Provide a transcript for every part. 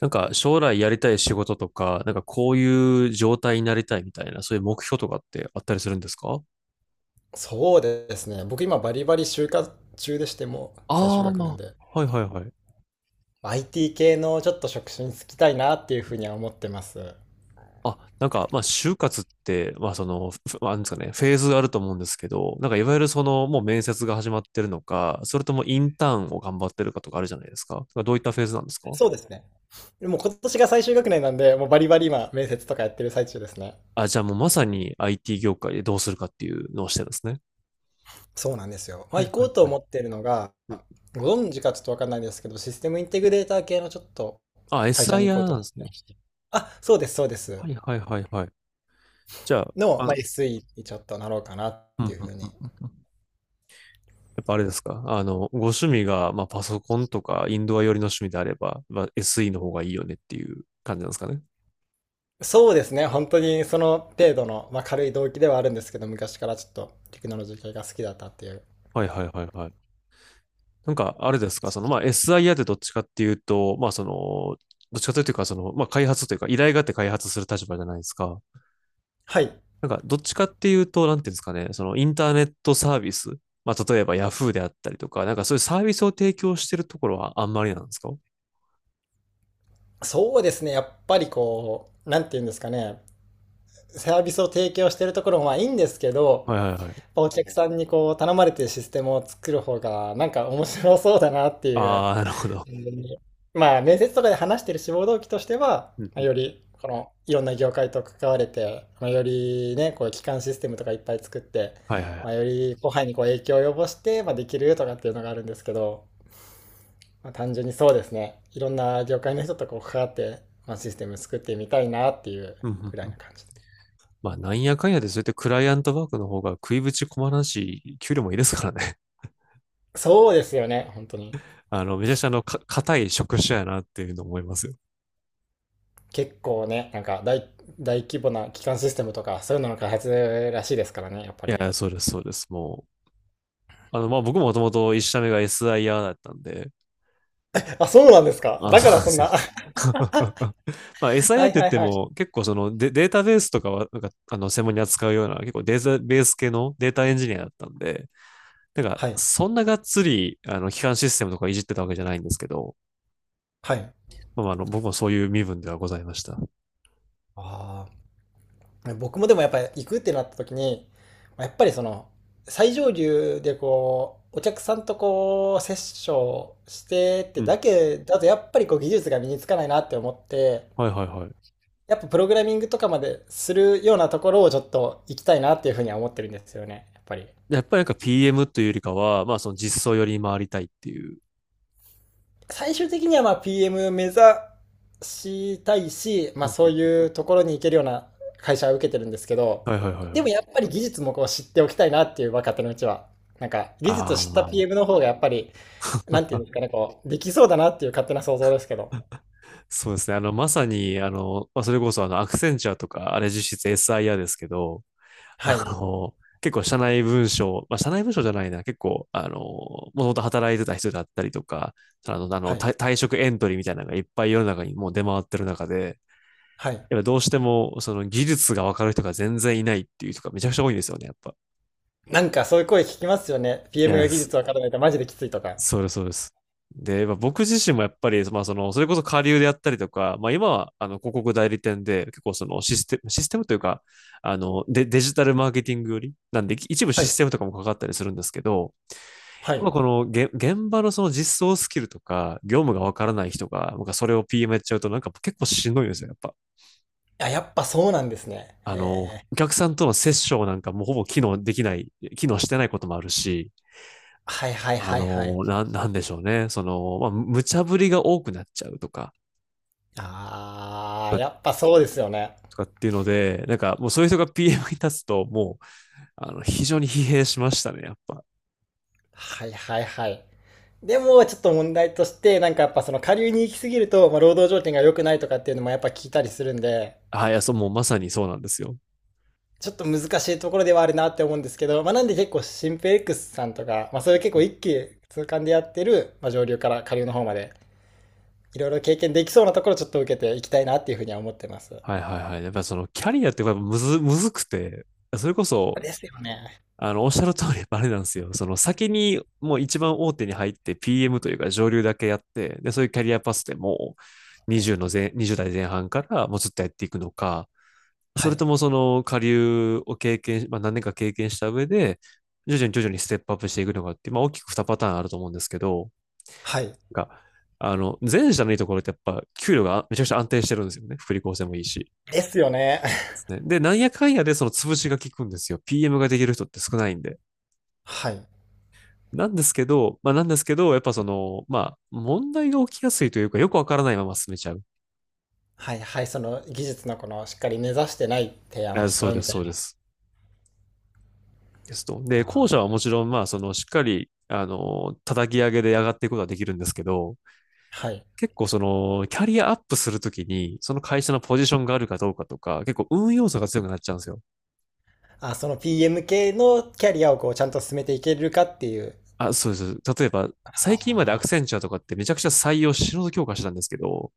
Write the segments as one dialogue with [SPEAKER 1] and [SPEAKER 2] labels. [SPEAKER 1] なんか将来やりたい仕事とか、なんかこういう状態になりたいみたいな、そういう目標とかってあったりするんですか？
[SPEAKER 2] そうですね。僕今バリバリ就活中でしてもう最終
[SPEAKER 1] ああ
[SPEAKER 2] 学年
[SPEAKER 1] ー、
[SPEAKER 2] で。
[SPEAKER 1] はいはいはい。
[SPEAKER 2] IT 系のちょっと職種に就きたいなっていうふうには思ってます。
[SPEAKER 1] あ、なんか、まあ、就活って、まあ、その、まあなんですかね、フェーズがあると思うんですけど、なんか、いわゆるもう面接が始まってるのか、それともインターンを頑張ってるかとかあるじゃないですか。なんかどういったフェーズなんですか？
[SPEAKER 2] そうですね。でも今年が最終学年なんで、もうバリバリ今面接とかやってる最中ですね。
[SPEAKER 1] あ、じゃあもうまさに IT 業界でどうするかっていうのをしてるんですね。
[SPEAKER 2] そうなんですよ。ま
[SPEAKER 1] は
[SPEAKER 2] あ
[SPEAKER 1] い
[SPEAKER 2] 行こ
[SPEAKER 1] はい
[SPEAKER 2] うと
[SPEAKER 1] はい。
[SPEAKER 2] 思ってるのが、
[SPEAKER 1] うん。
[SPEAKER 2] ご存知かちょっとわかんないですけど、システムインテグレーター系のちょっと
[SPEAKER 1] あ、
[SPEAKER 2] 会社に行こう
[SPEAKER 1] SIR
[SPEAKER 2] と
[SPEAKER 1] なんで
[SPEAKER 2] 思っ
[SPEAKER 1] す
[SPEAKER 2] て
[SPEAKER 1] ね。
[SPEAKER 2] まして。あ、そうです、そうです。
[SPEAKER 1] はいはいはいはい。じゃあ、
[SPEAKER 2] の、まあ、SE にちょっとなろうかなっ
[SPEAKER 1] うんう
[SPEAKER 2] ていうふ
[SPEAKER 1] ん
[SPEAKER 2] う
[SPEAKER 1] う
[SPEAKER 2] に。
[SPEAKER 1] んうん。やっぱあれですかご趣味が、まあ、パソコンとかインドア寄りの趣味であれば、まあ、SE の方がいいよねっていう感じなんですかね。
[SPEAKER 2] そうですね。本当にその程度の、まあ、軽い動機ではあるんですけど、昔からちょっとテクノロジー系が好きだったっていう。
[SPEAKER 1] はいはいはいはい。なんか、あれですかまあ、SIA ってどっちかっていうと、まあ、その、どっちかというか、まあ、開発というか、依頼があって開発する立場じゃないですか。
[SPEAKER 2] はい。
[SPEAKER 1] なんか、どっちかっていうと、なんていうんですかね、インターネットサービス、まあ、例えば Yahoo であったりとか、なんかそういうサービスを提供してるところはあんまりなんですかは？
[SPEAKER 2] そうですね。やっぱりこう、なんて言うんですかね。サービスを提供してるところもまあいいんですけ
[SPEAKER 1] い
[SPEAKER 2] ど、
[SPEAKER 1] はいはい。
[SPEAKER 2] お客さんにこう頼まれてシステムを作る方がなんか面白そうだなっていう。
[SPEAKER 1] ああ、なるほど。
[SPEAKER 2] うん。まあ面接とかで話してる志望動機としては、
[SPEAKER 1] うん
[SPEAKER 2] まあ
[SPEAKER 1] うん
[SPEAKER 2] よりこのいろんな業界と関われて、まあ、よりね、こう基幹システムとかいっぱい作って、
[SPEAKER 1] はいは
[SPEAKER 2] まあ、
[SPEAKER 1] い。
[SPEAKER 2] より後輩にこう影響を及ぼして、まあ、できるとかっていうのがあるんですけど、まあ、単純にそうですね、いろんな業界の人とこう関わって、まあ、システム作ってみたいなっていう
[SPEAKER 1] うんうん
[SPEAKER 2] くら
[SPEAKER 1] う
[SPEAKER 2] い
[SPEAKER 1] ん。
[SPEAKER 2] な感じで。
[SPEAKER 1] まあ、なんやかんやで、そうやってクライアントワークの方が食いぶち困らんし、給料もいいですからね。
[SPEAKER 2] そうですよね、本当に。
[SPEAKER 1] めちゃくちゃ硬い職種やなっていうの思いますよ。
[SPEAKER 2] 結構ね、なんか大、大規模な基幹システムとか、そういうのの開発らしいですからね、やっぱ
[SPEAKER 1] い
[SPEAKER 2] り。
[SPEAKER 1] や、そうです、そうです。もう、まあ、僕ももともと一社目が SIR だったんで、
[SPEAKER 2] あ、そうなんですか。
[SPEAKER 1] あ、
[SPEAKER 2] だ
[SPEAKER 1] そ
[SPEAKER 2] か
[SPEAKER 1] うな
[SPEAKER 2] ら
[SPEAKER 1] んで
[SPEAKER 2] そん
[SPEAKER 1] すよ。
[SPEAKER 2] な。
[SPEAKER 1] まあ、
[SPEAKER 2] は
[SPEAKER 1] SIR っ
[SPEAKER 2] い
[SPEAKER 1] て言っ
[SPEAKER 2] はい
[SPEAKER 1] て
[SPEAKER 2] は
[SPEAKER 1] も、
[SPEAKER 2] い。
[SPEAKER 1] 結構そのデータベースとかは、なんか、専門に扱うような、結構データベース系のデータエンジニアだったんで、なんか、
[SPEAKER 2] はい。
[SPEAKER 1] そんながっつり、基幹システムとかいじってたわけじゃないんですけど、
[SPEAKER 2] はい。
[SPEAKER 1] まあ、僕もそういう身分ではございました。
[SPEAKER 2] ああ。僕もでもやっぱり行くってなった時に、やっぱりその、最上流でこう、お客さんとこう、セッションしてっ
[SPEAKER 1] う
[SPEAKER 2] て
[SPEAKER 1] ん。
[SPEAKER 2] だけだと、やっぱりこう、技術が身につかないなって思って、
[SPEAKER 1] はいはいはい。
[SPEAKER 2] やっぱプログラミングとかまでするようなところをちょっと行きたいなっていうふうには思ってるんですよね、やっぱり。
[SPEAKER 1] でやっぱりなんか PM というよりかは、まあその実装よりに回りたいっていう。
[SPEAKER 2] 最終的にはまあ PM 目指したいし、ま
[SPEAKER 1] う
[SPEAKER 2] あ
[SPEAKER 1] んう
[SPEAKER 2] そう
[SPEAKER 1] ん
[SPEAKER 2] いうところに行けるような会社は受けてるんですけど、
[SPEAKER 1] はいはいはい
[SPEAKER 2] で
[SPEAKER 1] は
[SPEAKER 2] も
[SPEAKER 1] い。
[SPEAKER 2] やっぱり技術もこう知っておきたいなっていう若手のうちは。なんか技術を
[SPEAKER 1] あ
[SPEAKER 2] 知った
[SPEAKER 1] あ、
[SPEAKER 2] PM の方がやっぱり、なんていうんですかね、こう、できそうだなっていう勝手な想像ですけど。
[SPEAKER 1] そうですね。まさに、まあ、それこそアクセンチャーとか、あれ実質 SIR ですけど、
[SPEAKER 2] は
[SPEAKER 1] あ
[SPEAKER 2] い。
[SPEAKER 1] の、結構社内文章、まあ、社内文章じゃないな、結構、もともと働いてた人だったりとか、
[SPEAKER 2] はい。
[SPEAKER 1] 退職エントリーみたいなのがいっぱい世の中にもう出回ってる中で、
[SPEAKER 2] はい。
[SPEAKER 1] やっぱどうしても、その技術がわかる人が全然いないっていう人がめちゃくちゃ多いんですよね、やっぱ。
[SPEAKER 2] なんかそういう声聞きますよね。
[SPEAKER 1] い
[SPEAKER 2] PM が
[SPEAKER 1] や、
[SPEAKER 2] 技
[SPEAKER 1] そ
[SPEAKER 2] 術わからないとマジできついとか。
[SPEAKER 1] そうです、そうです。で、まあ、僕自身もやっぱり、まあ、それこそ下流であったりとか、まあ、今は、広告代理店で、結構そのシステム、システムというか、デジタルマーケティングより、なんで、一部
[SPEAKER 2] は
[SPEAKER 1] シス
[SPEAKER 2] い。
[SPEAKER 1] テムとかもかかったりするんですけど、
[SPEAKER 2] はい。
[SPEAKER 1] まあこの現場のその実装スキルとか、業務がわからない人が、なんかそれを PM やっちゃうと、なんか結構しんどいんですよ、やっぱ。
[SPEAKER 2] あ、やっぱそうなんですね。えー、
[SPEAKER 1] お客さんとのセッションなんかもうほぼ機能できない、機能してないこともあるし、
[SPEAKER 2] はいはいはいはい。
[SPEAKER 1] なんでしょうね。まあ、無茶ぶりが多くなっちゃうとか、
[SPEAKER 2] あ
[SPEAKER 1] と
[SPEAKER 2] ー、
[SPEAKER 1] か
[SPEAKER 2] やっぱそうですよね。
[SPEAKER 1] とかっていうので、なんかもうそういう人が PM に立つと、もう、非常に疲弊しましたね、やっぱ。
[SPEAKER 2] はいはいはい。でも、ちょっと問題として、なんかやっぱその下流に行き過ぎると、まあ、労働条件が良くないとかっていうのもやっぱ聞いたりするんで、
[SPEAKER 1] あ、いや、そう、もうまさにそうなんですよ。
[SPEAKER 2] ちょっと難しいところではあるなって思うんですけど、まあ、なんで結構シンペックスさんとか、まあ、そう
[SPEAKER 1] う
[SPEAKER 2] いう結構
[SPEAKER 1] ん。
[SPEAKER 2] 一気通貫でやってる、まあ、上流から下流の方まで、いろいろ経験できそうなところをちょっと受けていきたいなっていうふうには思ってます。
[SPEAKER 1] はいはいはい。やっぱそのキャリアってやっぱむずくて、それこそ、
[SPEAKER 2] ですよね。
[SPEAKER 1] おっしゃる通り、あれなんですよ。その先にもう一番大手に入って PM というか上流だけやって、で、そういうキャリアパスでもう
[SPEAKER 2] はい。
[SPEAKER 1] 20の前、20代前半からもうずっとやっていくのか、そ
[SPEAKER 2] は
[SPEAKER 1] れと
[SPEAKER 2] い。
[SPEAKER 1] もその下流を経験、まあ何年か経験した上で、徐々に徐々にステップアップしていくのかって、まあ大きく2パターンあると思うんですけど、
[SPEAKER 2] はい。
[SPEAKER 1] が、前者のいいところってやっぱ給料がめちゃくちゃ安定してるんですよね。福利厚生もいいし。
[SPEAKER 2] ですよね。
[SPEAKER 1] で、なんやかんやでその潰しが効くんですよ。PM ができる人って少ないんで。
[SPEAKER 2] はい。
[SPEAKER 1] なんですけど、やっぱまあ問題が起きやすいというか、よくわからないまま進めちゃう。
[SPEAKER 2] はいはい。その技術のこのしっかり根ざしてない提案を
[SPEAKER 1] あ、
[SPEAKER 2] しち
[SPEAKER 1] そ
[SPEAKER 2] ゃ
[SPEAKER 1] う
[SPEAKER 2] う
[SPEAKER 1] で
[SPEAKER 2] み
[SPEAKER 1] す、
[SPEAKER 2] た
[SPEAKER 1] そ
[SPEAKER 2] い
[SPEAKER 1] うで
[SPEAKER 2] な。
[SPEAKER 1] す。ですと。
[SPEAKER 2] あ
[SPEAKER 1] で、後者
[SPEAKER 2] ー、
[SPEAKER 1] はもちろん、まあしっかり、叩き上げで上がっていくことはできるんですけど、
[SPEAKER 2] はい。
[SPEAKER 1] 結構その、キャリアアップするときに、その会社のポジションがあるかどうかとか、結構運要素が強くなっちゃうんですよ。
[SPEAKER 2] あ、その PM 系のキャリアをこうちゃんと進めていけるかっていう。
[SPEAKER 1] あ、そうです。例えば、最近までアクセ
[SPEAKER 2] あ、
[SPEAKER 1] ンチュアとかってめちゃくちゃ採用、死ぬほど強化してたんですけど、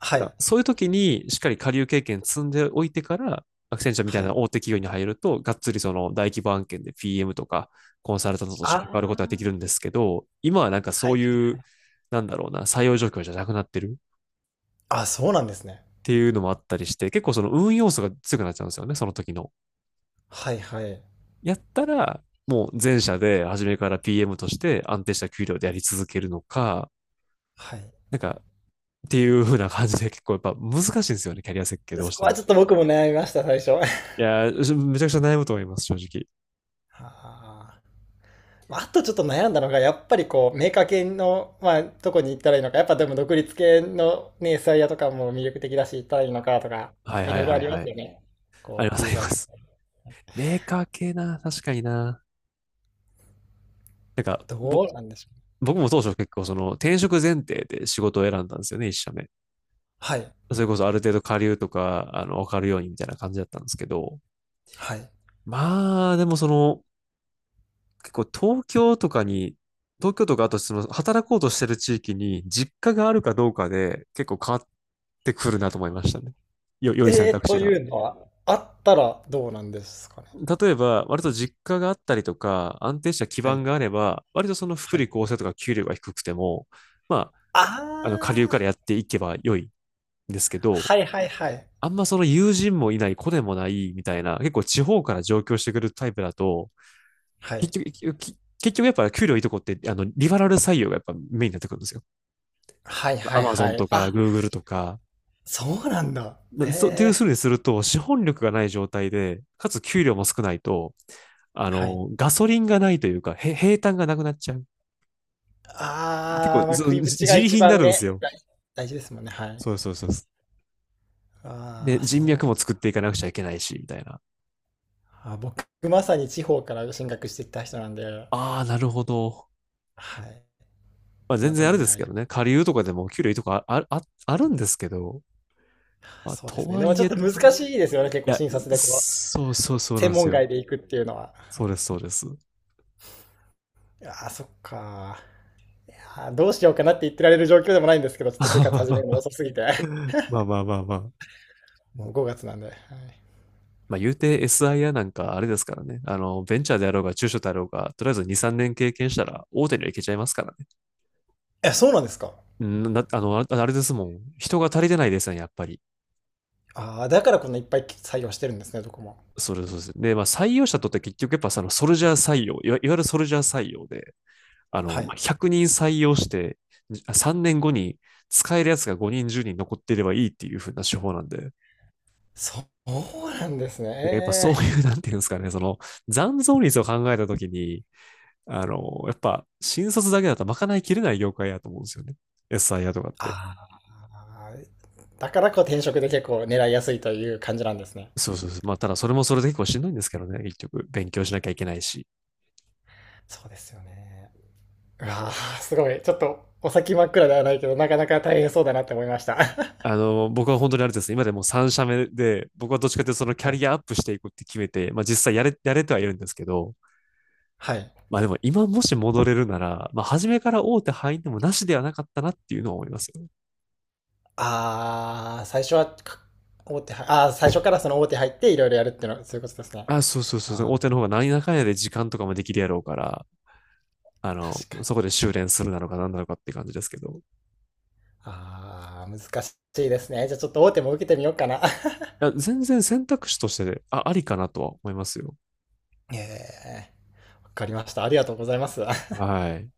[SPEAKER 2] は
[SPEAKER 1] だから
[SPEAKER 2] い。
[SPEAKER 1] そういう時にしっかり下流経験積んでおいてから、アクセンチャーみた
[SPEAKER 2] は
[SPEAKER 1] い
[SPEAKER 2] い。
[SPEAKER 1] な大手企業に入ると、がっつりその大規模案件で PM とかコンサルタントとし
[SPEAKER 2] あ。
[SPEAKER 1] て関わることができ
[SPEAKER 2] あ、
[SPEAKER 1] るんですけど、今はなんか
[SPEAKER 2] は
[SPEAKER 1] そ
[SPEAKER 2] い
[SPEAKER 1] う
[SPEAKER 2] は
[SPEAKER 1] い
[SPEAKER 2] いは
[SPEAKER 1] う、
[SPEAKER 2] い。
[SPEAKER 1] なんだろうな、採用状況じゃなくなってるっ
[SPEAKER 2] あ、そうなんですね。
[SPEAKER 1] ていうのもあったりして、結構その運要素が強くなっちゃうんですよね、その時の。
[SPEAKER 2] はいはい。
[SPEAKER 1] やったら、もう前者で初めから PM として安定した給料でやり続けるのか、
[SPEAKER 2] はい。
[SPEAKER 1] なんかっていう風な感じで結構やっぱ難しいんですよね、キャリア設計どう
[SPEAKER 2] そ
[SPEAKER 1] し
[SPEAKER 2] こ
[SPEAKER 1] て
[SPEAKER 2] は
[SPEAKER 1] も。
[SPEAKER 2] ちょっと僕も悩みました、最初。
[SPEAKER 1] い やー、めちゃくちゃ悩むと思います、正直。
[SPEAKER 2] あー、まあ、あとちょっと悩んだのが、やっぱりこう、メーカー系の、まあ、どこに行ったらいいのか、やっぱでも独立系のね、エスアイアとかも魅力的だし、行ったらいいのかとか、
[SPEAKER 1] はい
[SPEAKER 2] い
[SPEAKER 1] は
[SPEAKER 2] ろ
[SPEAKER 1] い
[SPEAKER 2] いろ
[SPEAKER 1] は
[SPEAKER 2] あ
[SPEAKER 1] い
[SPEAKER 2] りま
[SPEAKER 1] は
[SPEAKER 2] す
[SPEAKER 1] い。
[SPEAKER 2] よね。
[SPEAKER 1] あり
[SPEAKER 2] こ
[SPEAKER 1] ま
[SPEAKER 2] う、
[SPEAKER 1] すあ
[SPEAKER 2] ユー
[SPEAKER 1] り
[SPEAKER 2] ザ
[SPEAKER 1] ま
[SPEAKER 2] ー系。
[SPEAKER 1] す。メーカー系な、確かにな。なんか、
[SPEAKER 2] どうなんでしょう。
[SPEAKER 1] 僕も当初結構転職前提で仕事を選んだんですよね、一社目。
[SPEAKER 2] はい。
[SPEAKER 1] それこそある程度下流とか、わかるようにみたいな感じだったんですけど。
[SPEAKER 2] はい。
[SPEAKER 1] まあ、でも結構東京とかに、東京とかあとその働こうとしてる地域に実家があるかどうかで結構変わってくるなと思いましたね。良い選
[SPEAKER 2] えー、
[SPEAKER 1] 択肢
[SPEAKER 2] と
[SPEAKER 1] が。
[SPEAKER 2] いうのは、あったらどうなんですかね。
[SPEAKER 1] 例えば、割と実家があったりとか、安定した基
[SPEAKER 2] は
[SPEAKER 1] 盤
[SPEAKER 2] い。
[SPEAKER 1] があれば、割と福
[SPEAKER 2] は
[SPEAKER 1] 利
[SPEAKER 2] い。
[SPEAKER 1] 厚生とか給料が低くても、まあ、下流
[SPEAKER 2] あ
[SPEAKER 1] か
[SPEAKER 2] あ、
[SPEAKER 1] らやっていけば良いんですけど、
[SPEAKER 2] はいはいはい。
[SPEAKER 1] あんまその友人もいない、子でもないみたいな、結構地方から上京してくるタイプだと、
[SPEAKER 2] はい。
[SPEAKER 1] 結局やっぱ給料いいとこって、リファラル採用がやっぱメインになってくるんですよ。
[SPEAKER 2] はいは
[SPEAKER 1] ア
[SPEAKER 2] い
[SPEAKER 1] マゾ
[SPEAKER 2] は
[SPEAKER 1] ン
[SPEAKER 2] い。
[SPEAKER 1] とか、
[SPEAKER 2] あ、
[SPEAKER 1] グーグルとか、
[SPEAKER 2] そうなんだ。
[SPEAKER 1] なそう、ってい
[SPEAKER 2] え
[SPEAKER 1] うふう
[SPEAKER 2] え、
[SPEAKER 1] にすると、資本力がない状態で、かつ給料も少ないと、
[SPEAKER 2] はい。
[SPEAKER 1] ガソリンがないというか、平坦がなくなっちゃう。結
[SPEAKER 2] あ
[SPEAKER 1] 構、
[SPEAKER 2] あ、まあ、
[SPEAKER 1] そ
[SPEAKER 2] 食い
[SPEAKER 1] う、
[SPEAKER 2] ぶちが
[SPEAKER 1] 自利
[SPEAKER 2] 一
[SPEAKER 1] 品にな
[SPEAKER 2] 番
[SPEAKER 1] るんです
[SPEAKER 2] ね、
[SPEAKER 1] よ。
[SPEAKER 2] 大、大事ですもんね。はい。
[SPEAKER 1] そうそうそうそう。
[SPEAKER 2] あ
[SPEAKER 1] で、
[SPEAKER 2] あ、
[SPEAKER 1] 人
[SPEAKER 2] そ
[SPEAKER 1] 脈も
[SPEAKER 2] う。
[SPEAKER 1] 作っていかなくちゃいけないし、みたいな。
[SPEAKER 2] あ、僕、まさに地方から進学してきた人なんで、
[SPEAKER 1] ああ、なるほど。
[SPEAKER 2] はい。
[SPEAKER 1] まあ、全
[SPEAKER 2] 今、都
[SPEAKER 1] 然あれ
[SPEAKER 2] 内
[SPEAKER 1] で
[SPEAKER 2] に
[SPEAKER 1] す
[SPEAKER 2] あ
[SPEAKER 1] け
[SPEAKER 2] り、
[SPEAKER 1] どね。下流とかでも給料いいとかあるんですけど、まあ、
[SPEAKER 2] そうで
[SPEAKER 1] と
[SPEAKER 2] すね。で
[SPEAKER 1] は
[SPEAKER 2] も
[SPEAKER 1] い
[SPEAKER 2] ちょっ
[SPEAKER 1] え、
[SPEAKER 2] と
[SPEAKER 1] と
[SPEAKER 2] 難
[SPEAKER 1] はいえ。い
[SPEAKER 2] しいですよね。結構、
[SPEAKER 1] や、
[SPEAKER 2] 診察でこう、
[SPEAKER 1] そうそうそうなん
[SPEAKER 2] 専
[SPEAKER 1] です
[SPEAKER 2] 門
[SPEAKER 1] よ。
[SPEAKER 2] 外で行くっていうのは。
[SPEAKER 1] そ
[SPEAKER 2] は
[SPEAKER 1] うで
[SPEAKER 2] い。
[SPEAKER 1] す、そうです。
[SPEAKER 2] ああ、そっか。やー、どうしようかなって言ってられる状況でもないんですけど、ちょっと就活始めるの 遅すぎて。
[SPEAKER 1] まあまあまあまあ。
[SPEAKER 2] もう5月なんで。はい、
[SPEAKER 1] まあ言うて SIR なんかあれですからね。ベンチャーであろうが中小であろうが、とりあえず2、3年経験したら大手にはいけちゃいますから
[SPEAKER 2] え、そうなんですか。
[SPEAKER 1] ね。んな、あの、あれですもん。人が足りてないですね、やっぱり。
[SPEAKER 2] ああ、だからこんないっぱい採用してるんですね、どこも。
[SPEAKER 1] それそうです。で、まあ採用者とって結局やっぱそのソルジャー採用、いわゆるソルジャー採用で、
[SPEAKER 2] は
[SPEAKER 1] ま
[SPEAKER 2] い。
[SPEAKER 1] あ100人採用して、3年後に使えるやつが5人、10人残っていればいいっていう風な手法なんで。
[SPEAKER 2] そうなんです
[SPEAKER 1] やっぱ
[SPEAKER 2] ね。
[SPEAKER 1] そう
[SPEAKER 2] えー、
[SPEAKER 1] いう、なんていうんですかね、その残存率を考えたときに、やっぱ、新卒だけだとまかないきれない業界やと思うんですよね。SIR とかって。
[SPEAKER 2] ああ、だからこう転職で結構狙いやすいという感じなんですね。
[SPEAKER 1] そうそうそう。まあ、ただそれもそれで結構しんどいんですけどね、結局。勉強しなきゃいけないし。
[SPEAKER 2] そうですよね。うわあ、すごい。ちょっとお先真っ暗ではないけど、なかなか大変そうだなって思いました。は
[SPEAKER 1] 僕は本当にあれですね、今でも3社目で、僕はどっちかというとそのキャ
[SPEAKER 2] い。
[SPEAKER 1] リアアップしていくって決めて、まあ実際やれてはいるんですけど、
[SPEAKER 2] はい。
[SPEAKER 1] まあでも今もし戻れるなら、まあ初めから大手入ってもなしではなかったなっていうのは思いますよね。
[SPEAKER 2] ああ、最初はか、大手は、ああ、最初からその大手入っていろいろやるっていうのは、そういうことですね。
[SPEAKER 1] あ、そうそうそう。
[SPEAKER 2] ああ、
[SPEAKER 1] 大手の方が何やかんやで時間とかもできるやろうから、
[SPEAKER 2] 確かに。
[SPEAKER 1] そこで修練するなのか何なのかって感じですけど。
[SPEAKER 2] ああ、難しいですね。じゃあちょっと大手も受けてみようかな。
[SPEAKER 1] いや、全然選択肢として、ありかなとは思いますよ。
[SPEAKER 2] ええ、わかりました。ありがとうございます。
[SPEAKER 1] はい。